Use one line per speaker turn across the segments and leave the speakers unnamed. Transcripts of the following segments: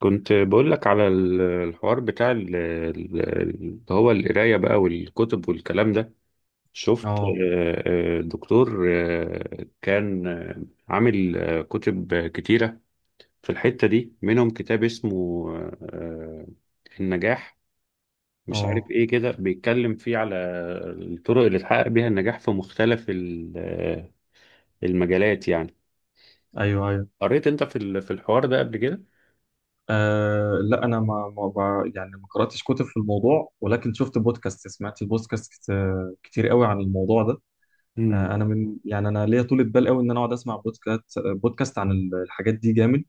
كنت بقول لك على الحوار بتاع اللي هو القراية بقى، والكتب والكلام ده. شفت
اه
دكتور كان عامل كتب كتيرة. في الحتة دي منهم كتاب اسمه آه، النجاح. مش عارف
اه،
ايه كده، بيتكلم فيه على الطرق اللي تحقق بيها النجاح في مختلف المجالات يعني.
ايوه ايوه.
قريت انت في الحوار ده قبل كده؟
آه لا، انا ما, ما بع- يعني ما قراتش كتب في الموضوع، ولكن شفت بودكاست. سمعت البودكاست كتير قوي عن الموضوع ده. آه انا من يعني انا ليا طولة بال قوي ان انا اقعد اسمع بودكاست عن الحاجات دي جامد.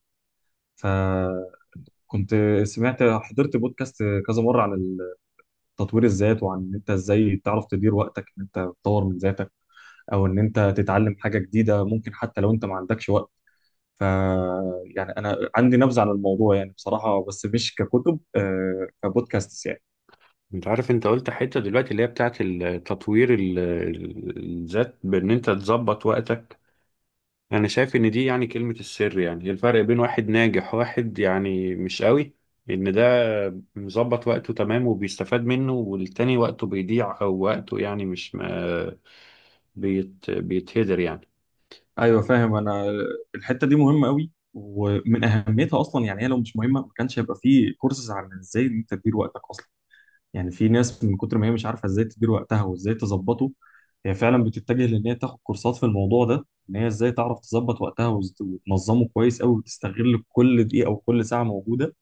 فكنت حضرت بودكاست كذا مره عن تطوير الذات، وعن ان انت ازاي تعرف تدير وقتك، ان انت تطور من ذاتك، او ان انت تتعلم حاجه جديده ممكن حتى لو انت ما عندكش وقت. ف يعني انا عندي نبذه عن الموضوع يعني، بصراحه، بس مش ككتب، آه كبودكاست يعني.
انت عارف، انت قلت حتة دلوقتي اللي هي بتاعت تطوير الذات، بان انت تظبط وقتك. انا شايف ان دي يعني كلمة السر. يعني إيه الفرق بين واحد ناجح وواحد يعني مش قوي؟ ان ده مظبط وقته تمام وبيستفاد منه، والتاني وقته بيضيع او وقته يعني مش ما بيتهدر يعني.
ايوه فاهم. انا الحته دي مهمه قوي، ومن اهميتها اصلا، يعني هي لو مش مهمه ما كانش هيبقى في كورسز عن ازاي انت تدير وقتك اصلا. يعني في ناس من كتر ما هي مش عارفه ازاي تدير وقتها وازاي تظبطه، هي فعلا بتتجه لان هي تاخد كورسات في الموضوع ده، ان هي ازاي تعرف تظبط وقتها وتنظمه كويس قوي وتستغل كل دقيقه وكل ساعه موجوده.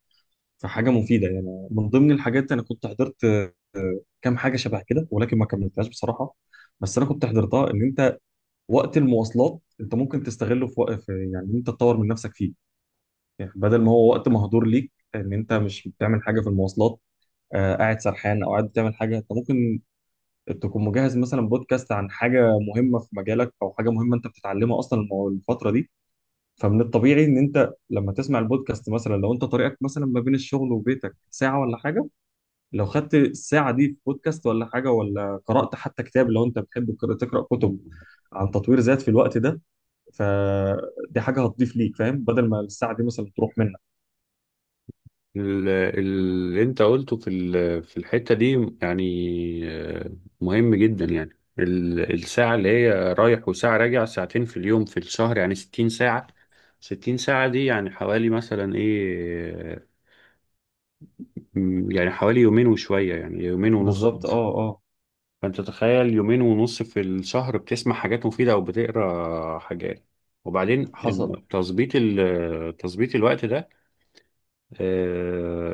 فحاجه مفيده يعني. من ضمن الحاجات انا كنت حضرت كام حاجه شبه كده، ولكن ما كملتهاش بصراحه. بس انا كنت حضرتها، ان انت وقت المواصلات انت ممكن تستغله في وقت، في يعني إن انت تطور من نفسك فيه. يعني بدل ما هو وقت مهدور ليك، ان انت مش بتعمل حاجه في المواصلات، آه قاعد سرحان او قاعد بتعمل حاجه، انت ممكن تكون مجهز مثلا بودكاست عن حاجه مهمه في مجالك، او حاجه مهمه انت بتتعلمها اصلا الفتره دي. فمن الطبيعي ان انت لما تسمع البودكاست مثلا، لو انت طريقك مثلا ما بين الشغل وبيتك ساعه ولا حاجه، لو خدت الساعة دي في بودكاست ولا حاجة، ولا قرأت حتى كتاب لو أنت بتحب تقرأ كتب
مم.
عن تطوير ذات في الوقت ده، فدي حاجة هتضيف ليك، فاهم، بدل ما الساعة دي مثلا تروح منك.
ال- اللي انت قلته في الحتة دي يعني آه، مهم جدا يعني. الساعة اللي هي رايح وساعة راجع، ساعتين في اليوم، في الشهر يعني 60 ساعة. 60 ساعة دي يعني حوالي مثلا ايه، يعني حوالي يومين وشوية، يعني يومين ونص
بالظبط
مثلا.
اه اه.
فانت تخيل يومين ونص في الشهر بتسمع حاجات مفيدة او بتقرا حاجات. وبعدين
حصل.
تظبيط الوقت ده، آه،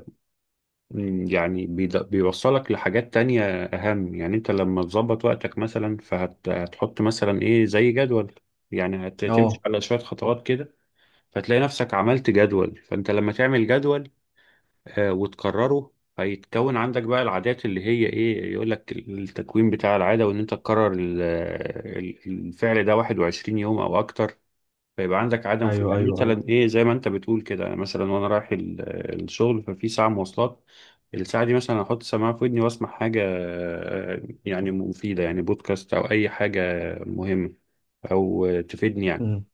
يعني بيوصلك لحاجات تانية أهم. يعني أنت لما تظبط وقتك مثلا، فهتحط مثلا إيه زي جدول. يعني هتمشي
اه
على شوية خطوات كده، فتلاقي نفسك عملت جدول. فأنت لما تعمل جدول وتكرره، هيتكون عندك بقى العادات اللي هي إيه، يقولك التكوين بتاع العادة وإن أنت تكرر الفعل ده 21 يوم أو أكتر. فيبقى عندك عدم في،
ايوه
يعني
ايوه ايوه.
مثلا ايه زي ما انت بتقول كده، يعني مثلا وانا رايح الشغل، ففي ساعه مواصلات. الساعه دي مثلا احط سماعه في ودني واسمع حاجه يعني مفيده، يعني بودكاست او اي حاجه مهمه، او تفيدني يعني.
مم.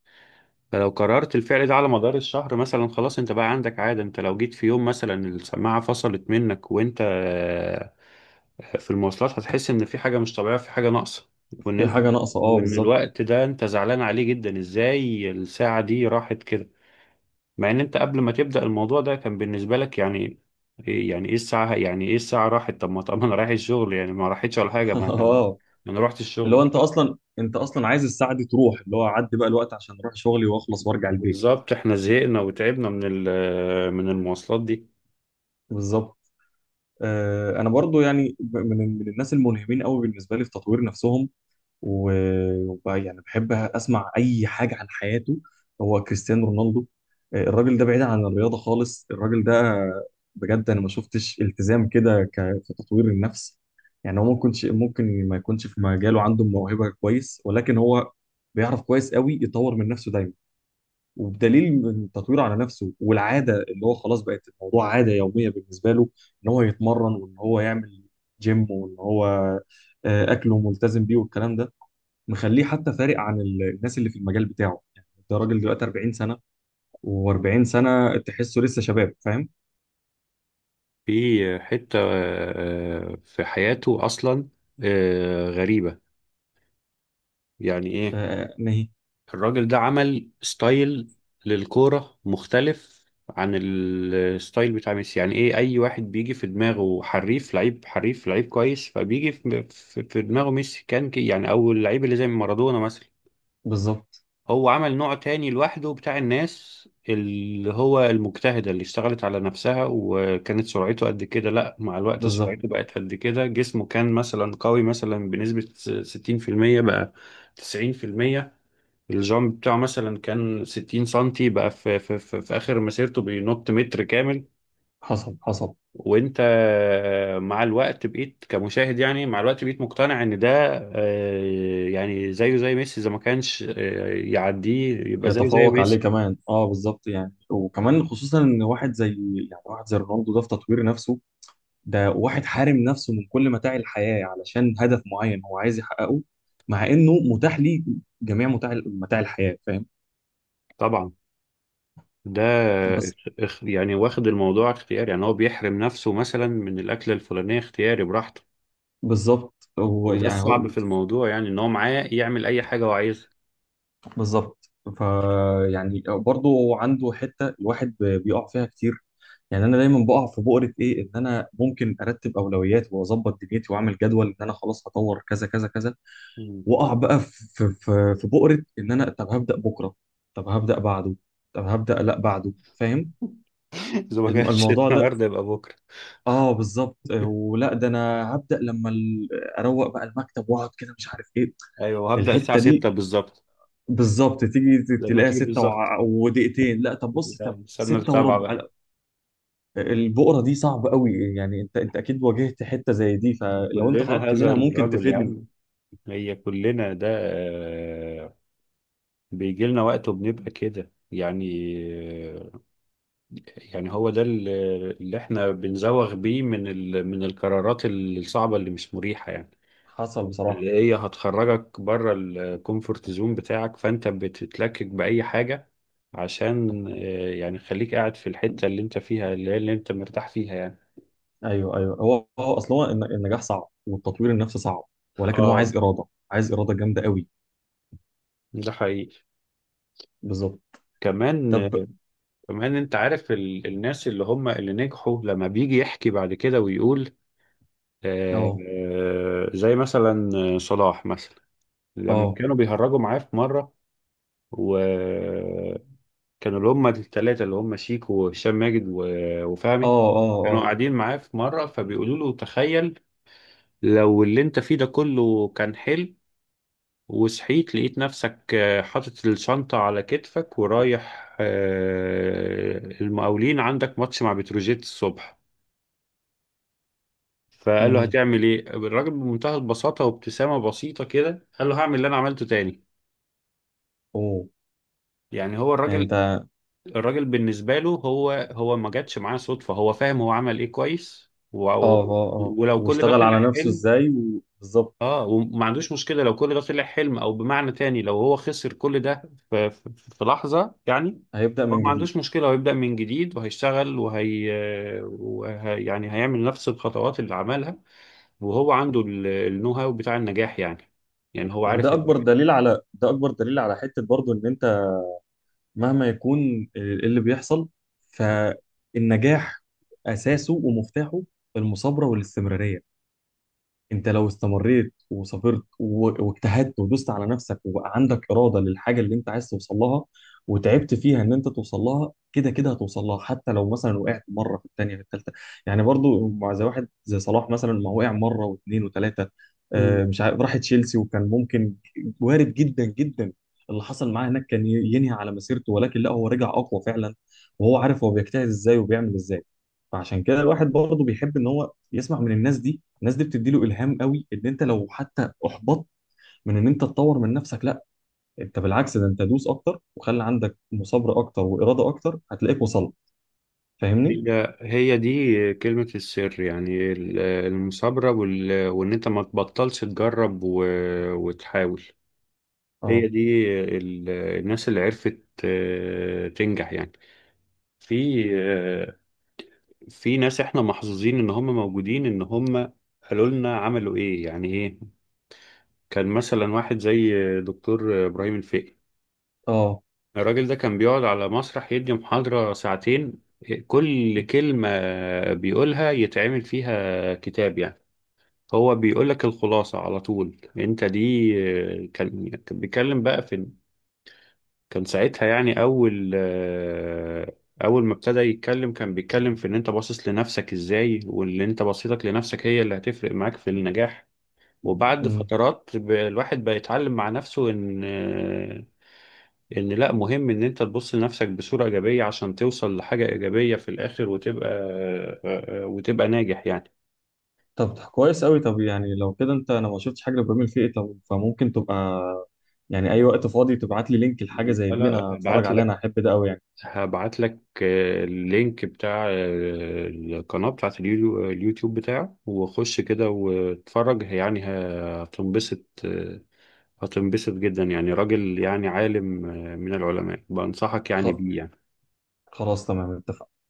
فلو قررت الفعل ده على مدار الشهر مثلا، خلاص انت بقى عندك عاده. انت لو جيت في يوم مثلا السماعه فصلت منك وانت في المواصلات، هتحس ان في حاجه مش طبيعيه، في حاجه ناقصه. وان
في
انت
حاجة ناقصة اه
وان
بالظبط.
الوقت ده انت زعلان عليه جدا، ازاي الساعه دي راحت كده. مع ان انت قبل ما تبدا الموضوع ده كان بالنسبه لك يعني يعني ايه الساعه، يعني ايه الساعه راحت؟ طب ما انا رايح الشغل يعني، ما راحتش ولا حاجه. ما انا ما
اه،
انا رحت
اللي هو
الشغل.
أنت أصلا، أنت أصلا عايز الساعة دي تروح، اللي هو عدي بقى الوقت عشان أروح شغلي وأخلص وأرجع البيت.
بالظبط، احنا زهقنا وتعبنا من ال- آه، من المواصلات دي.
بالظبط. آه، انا برضو يعني من الناس الملهمين قوي بالنسبه لي في تطوير نفسهم، وبقى يعني بحب اسمع اي حاجه عن حياته. هو كريستيانو رونالدو. آه، الراجل ده بعيد عن الرياضه خالص. الراجل ده بجد انا ما شفتش التزام كده في تطوير النفس. يعني هو ممكن ممكن ما يكونش في مجاله عنده موهبه كويس، ولكن هو بيعرف كويس قوي يطور من نفسه دايما. وبدليل من تطويره على نفسه والعاده، اللي هو خلاص بقت الموضوع عاده يوميه بالنسبه له، ان هو يتمرن وان هو يعمل جيم، وان هو آه، اكله ملتزم بيه والكلام ده، مخليه حتى فارق عن الناس اللي في المجال بتاعه. يعني ده راجل دلوقتي 40 سنة، و40 سنة تحسه لسه شباب فاهم.
في حته في حياته اصلا غريبه، يعني ايه.
آه ما هي
الراجل ده عمل ستايل للكورة مختلف عن الستايل بتاع ميسي. يعني ايه، اي واحد بيجي في دماغه حريف لعيب، حريف لعيب كويس، فبيجي في دماغه ميسي كان كي يعني، او اللعيب اللي زي مارادونا مثلا.
بالظبط.
هو عمل نوع تاني لوحده بتاع الناس اللي هو المجتهدة، اللي اشتغلت على نفسها. وكانت سرعته قد كده، لا مع الوقت
بالظبط
سرعته بقت قد كده. جسمه كان مثلا قوي مثلا بنسبة 60%، بقى 90%. الجامب بتاعه مثلا كان 60 سنتي، بقى في آخر مسيرته بينط متر كامل.
حصل حصل.
وانت مع الوقت بقيت كمشاهد، يعني مع الوقت بقيت مقتنع ان ده يعني زيه زي ميسي، اذا ما كانش يعديه يبقى زيه زي
يتفوق عليه
ميسي.
كمان اه بالظبط. يعني وكمان خصوصا ان واحد زي، يعني واحد زي رونالدو ده في تطوير نفسه، ده واحد حارم نفسه من كل متاع الحياة علشان هدف معين هو عايز يحققه، مع انه متاح ليه جميع متاع متاع الحياة فاهم.
طبعا. ده
بس
يعني واخد الموضوع اختياري، يعني هو بيحرم نفسه مثلا من الأكلة الفلانية اختياري براحته.
بالظبط. هو
وده
يعني هو
الصعب في الموضوع يعني، ان هو معاه يعمل اي حاجة هو عايزها.
بالظبط. فيعني برضه عنده حته الواحد بيقع فيها كتير. يعني انا دايما بقع في بؤره ايه، ان انا ممكن ارتب اولويات واظبط دنيتي واعمل جدول ان انا خلاص هطور كذا كذا كذا،
مم.
واقع بقى في بؤره ان انا طب هبدا بكره، طب هبدا بعده، طب هبدا لا بعده، فاهم.
اذا ما كانش
الموضوع ده،
النهارده يبقى بكرة.
اه بالظبط. ولا ده انا هبدا لما اروق بقى المكتب واقعد كده مش عارف ايه.
ايوه هبدأ الساعة
الحته دي
6 بالظبط.
بالظبط، تيجي
لما
تلاقيها
تيجي
ستة
بالظبط،
ودقيقتين، لا طب بص،
لا،
طب
نستنى
ستة
السبعة
وربع،
بقى.
لا، البقرة دي صعبة قوي. يعني انت اكيد واجهت حتة زي دي، فلو انت
كلنا
خرجت
هذا
منها ممكن
الرجل يا
تفيدني.
عم. هي كلنا ده بيجي لنا وقت وبنبقى كده يعني. آه، يعني هو ده اللي احنا بنزوغ بيه من القرارات الصعبة اللي مش مريحة يعني.
حصل بصراحة.
اللي هي هتخرجك بره الكومفورت زون بتاعك، فانت بتتلكك بأي حاجة عشان يعني خليك قاعد في الحتة اللي انت فيها، اللي هي اللي انت مرتاح فيها يعني.
ايوه ايوه، هو اصل هو النجاح صعب، والتطوير النفسي صعب، ولكن هو
اه،
عايز إرادة، عايز إرادة جامدة قوي.
ده حقيقي.
بالظبط.
كمان،
طب.
كمان انت عارف الناس اللي هم اللي نجحوا لما بيجي يحكي بعد كده ويقول،
اه
زي مثلا صلاح مثلا، لما
اه
كانوا بيهرجوا معاه في مرة. وكانوا اللي هم الثلاثة، اللي هم شيكو وهشام ماجد
اه
وفهمي،
اه
كانوا
اه.
قاعدين معاه في مرة فبيقولوا له: تخيل لو اللي انت فيه ده كله كان حلو، وصحيت لقيت نفسك حاطط الشنطة على كتفك ورايح المقاولين عندك ماتش مع بتروجيت الصبح. فقال له:
امم.
هتعمل ايه؟ الراجل بمنتهى البساطة وابتسامة بسيطة كده قال له: هعمل اللي انا عملته تاني.
اوه.
يعني هو
يعني انت، اه
الراجل بالنسبة له هو ما جاتش معاه صدفة، هو فاهم هو عمل ايه كويس
اه اه،
ولو كل ده
واشتغل
طلع
على نفسه
حلم،
ازاي وبالظبط.
اه وما عندوش مشكلة. لو كل ده طلع حلم او بمعنى تاني، لو هو خسر كل ده في, في, في لحظة يعني،
هيبدأ
هو
من
ما
جديد.
عندوش مشكلة، هو يبدأ من جديد وهيشتغل وهي, وهي يعني هيعمل نفس الخطوات اللي عملها. وهو عنده النو هاو بتاع النجاح يعني، يعني هو عارف
وده اكبر
النجاح.
دليل على ده اكبر دليل على حته برضو ان انت مهما يكون اللي بيحصل، فالنجاح اساسه ومفتاحه المثابره والاستمراريه. انت لو استمريت وصبرت واجتهدت ودوست على نفسك، وبقى عندك اراده للحاجه اللي انت عايز توصل لها، وتعبت فيها ان انت توصل لها، كده كده هتوصل لها حتى لو مثلا وقعت مره في الثانيه في الثالثه. يعني برضو مع زي واحد زي صلاح مثلا ما وقع مره واثنين وثلاثه. آه،
مم.
مش عارف راح تشيلسي، وكان ممكن وارد جدا جدا. اللي حصل معاه هناك كان ينهي على مسيرته، ولكن لا، هو رجع اقوى فعلا. وهو عارف هو بيجتهد ازاي وبيعمل ازاي. فعشان كده الواحد برضه بيحب ان هو يسمع من الناس دي. الناس دي بتدي له الهام قوي، ان انت لو حتى احبطت من ان انت تطور من نفسك، لا، انت بالعكس، ده انت دوس اكتر، وخلي عندك مثابره اكتر واراده اكتر، هتلاقيك وصلت. فاهمني؟
هي دي كلمة السر، يعني المثابرة وإن أنت ما تبطلش تجرب وتحاول. هي
اه
دي الناس اللي عرفت تنجح يعني. في آه، في ناس احنا محظوظين ان هم موجودين، ان هم قالوا لنا عملوا ايه يعني ايه. كان مثلا واحد زي دكتور ابراهيم الفقي.
اه.
الراجل ده كان بيقعد على مسرح يدي محاضرة ساعتين، كل كلمة بيقولها يتعمل فيها كتاب يعني، هو بيقول لك الخلاصة على طول انت دي. كان بيتكلم بقى في، كان ساعتها يعني اول ما ابتدى يتكلم، كان بيتكلم في ان انت باصص لنفسك ازاي، واللي انت بصيتك لنفسك هي اللي هتفرق معاك في النجاح. وبعد
امم.
فترات الواحد بقى يتعلم مع نفسه ان لا، مهم ان انت تبص لنفسك بصورة ايجابية عشان توصل لحاجة ايجابية في الاخر، وتبقى وتبقى ناجح يعني.
طب كويس قوي. طب يعني لو كده انت، انا ما شفتش حاجه لابراهيم الفقي، طب فممكن تبقى يعني اي وقت فاضي تبعت لي لينك لحاجه زي
لا،
دي انا
لا،
اتفرج عليها، انا احب ده قوي يعني.
هبعت لك اللينك بتاع القناة بتاعت اليوتيوب بتاعه. وخش كده واتفرج يعني هتنبسط، هتنبسط جدا يعني. راجل يعني عالم من العلماء، بنصحك يعني
خ-
بيه يعني.
خلاص تمام اتفقنا.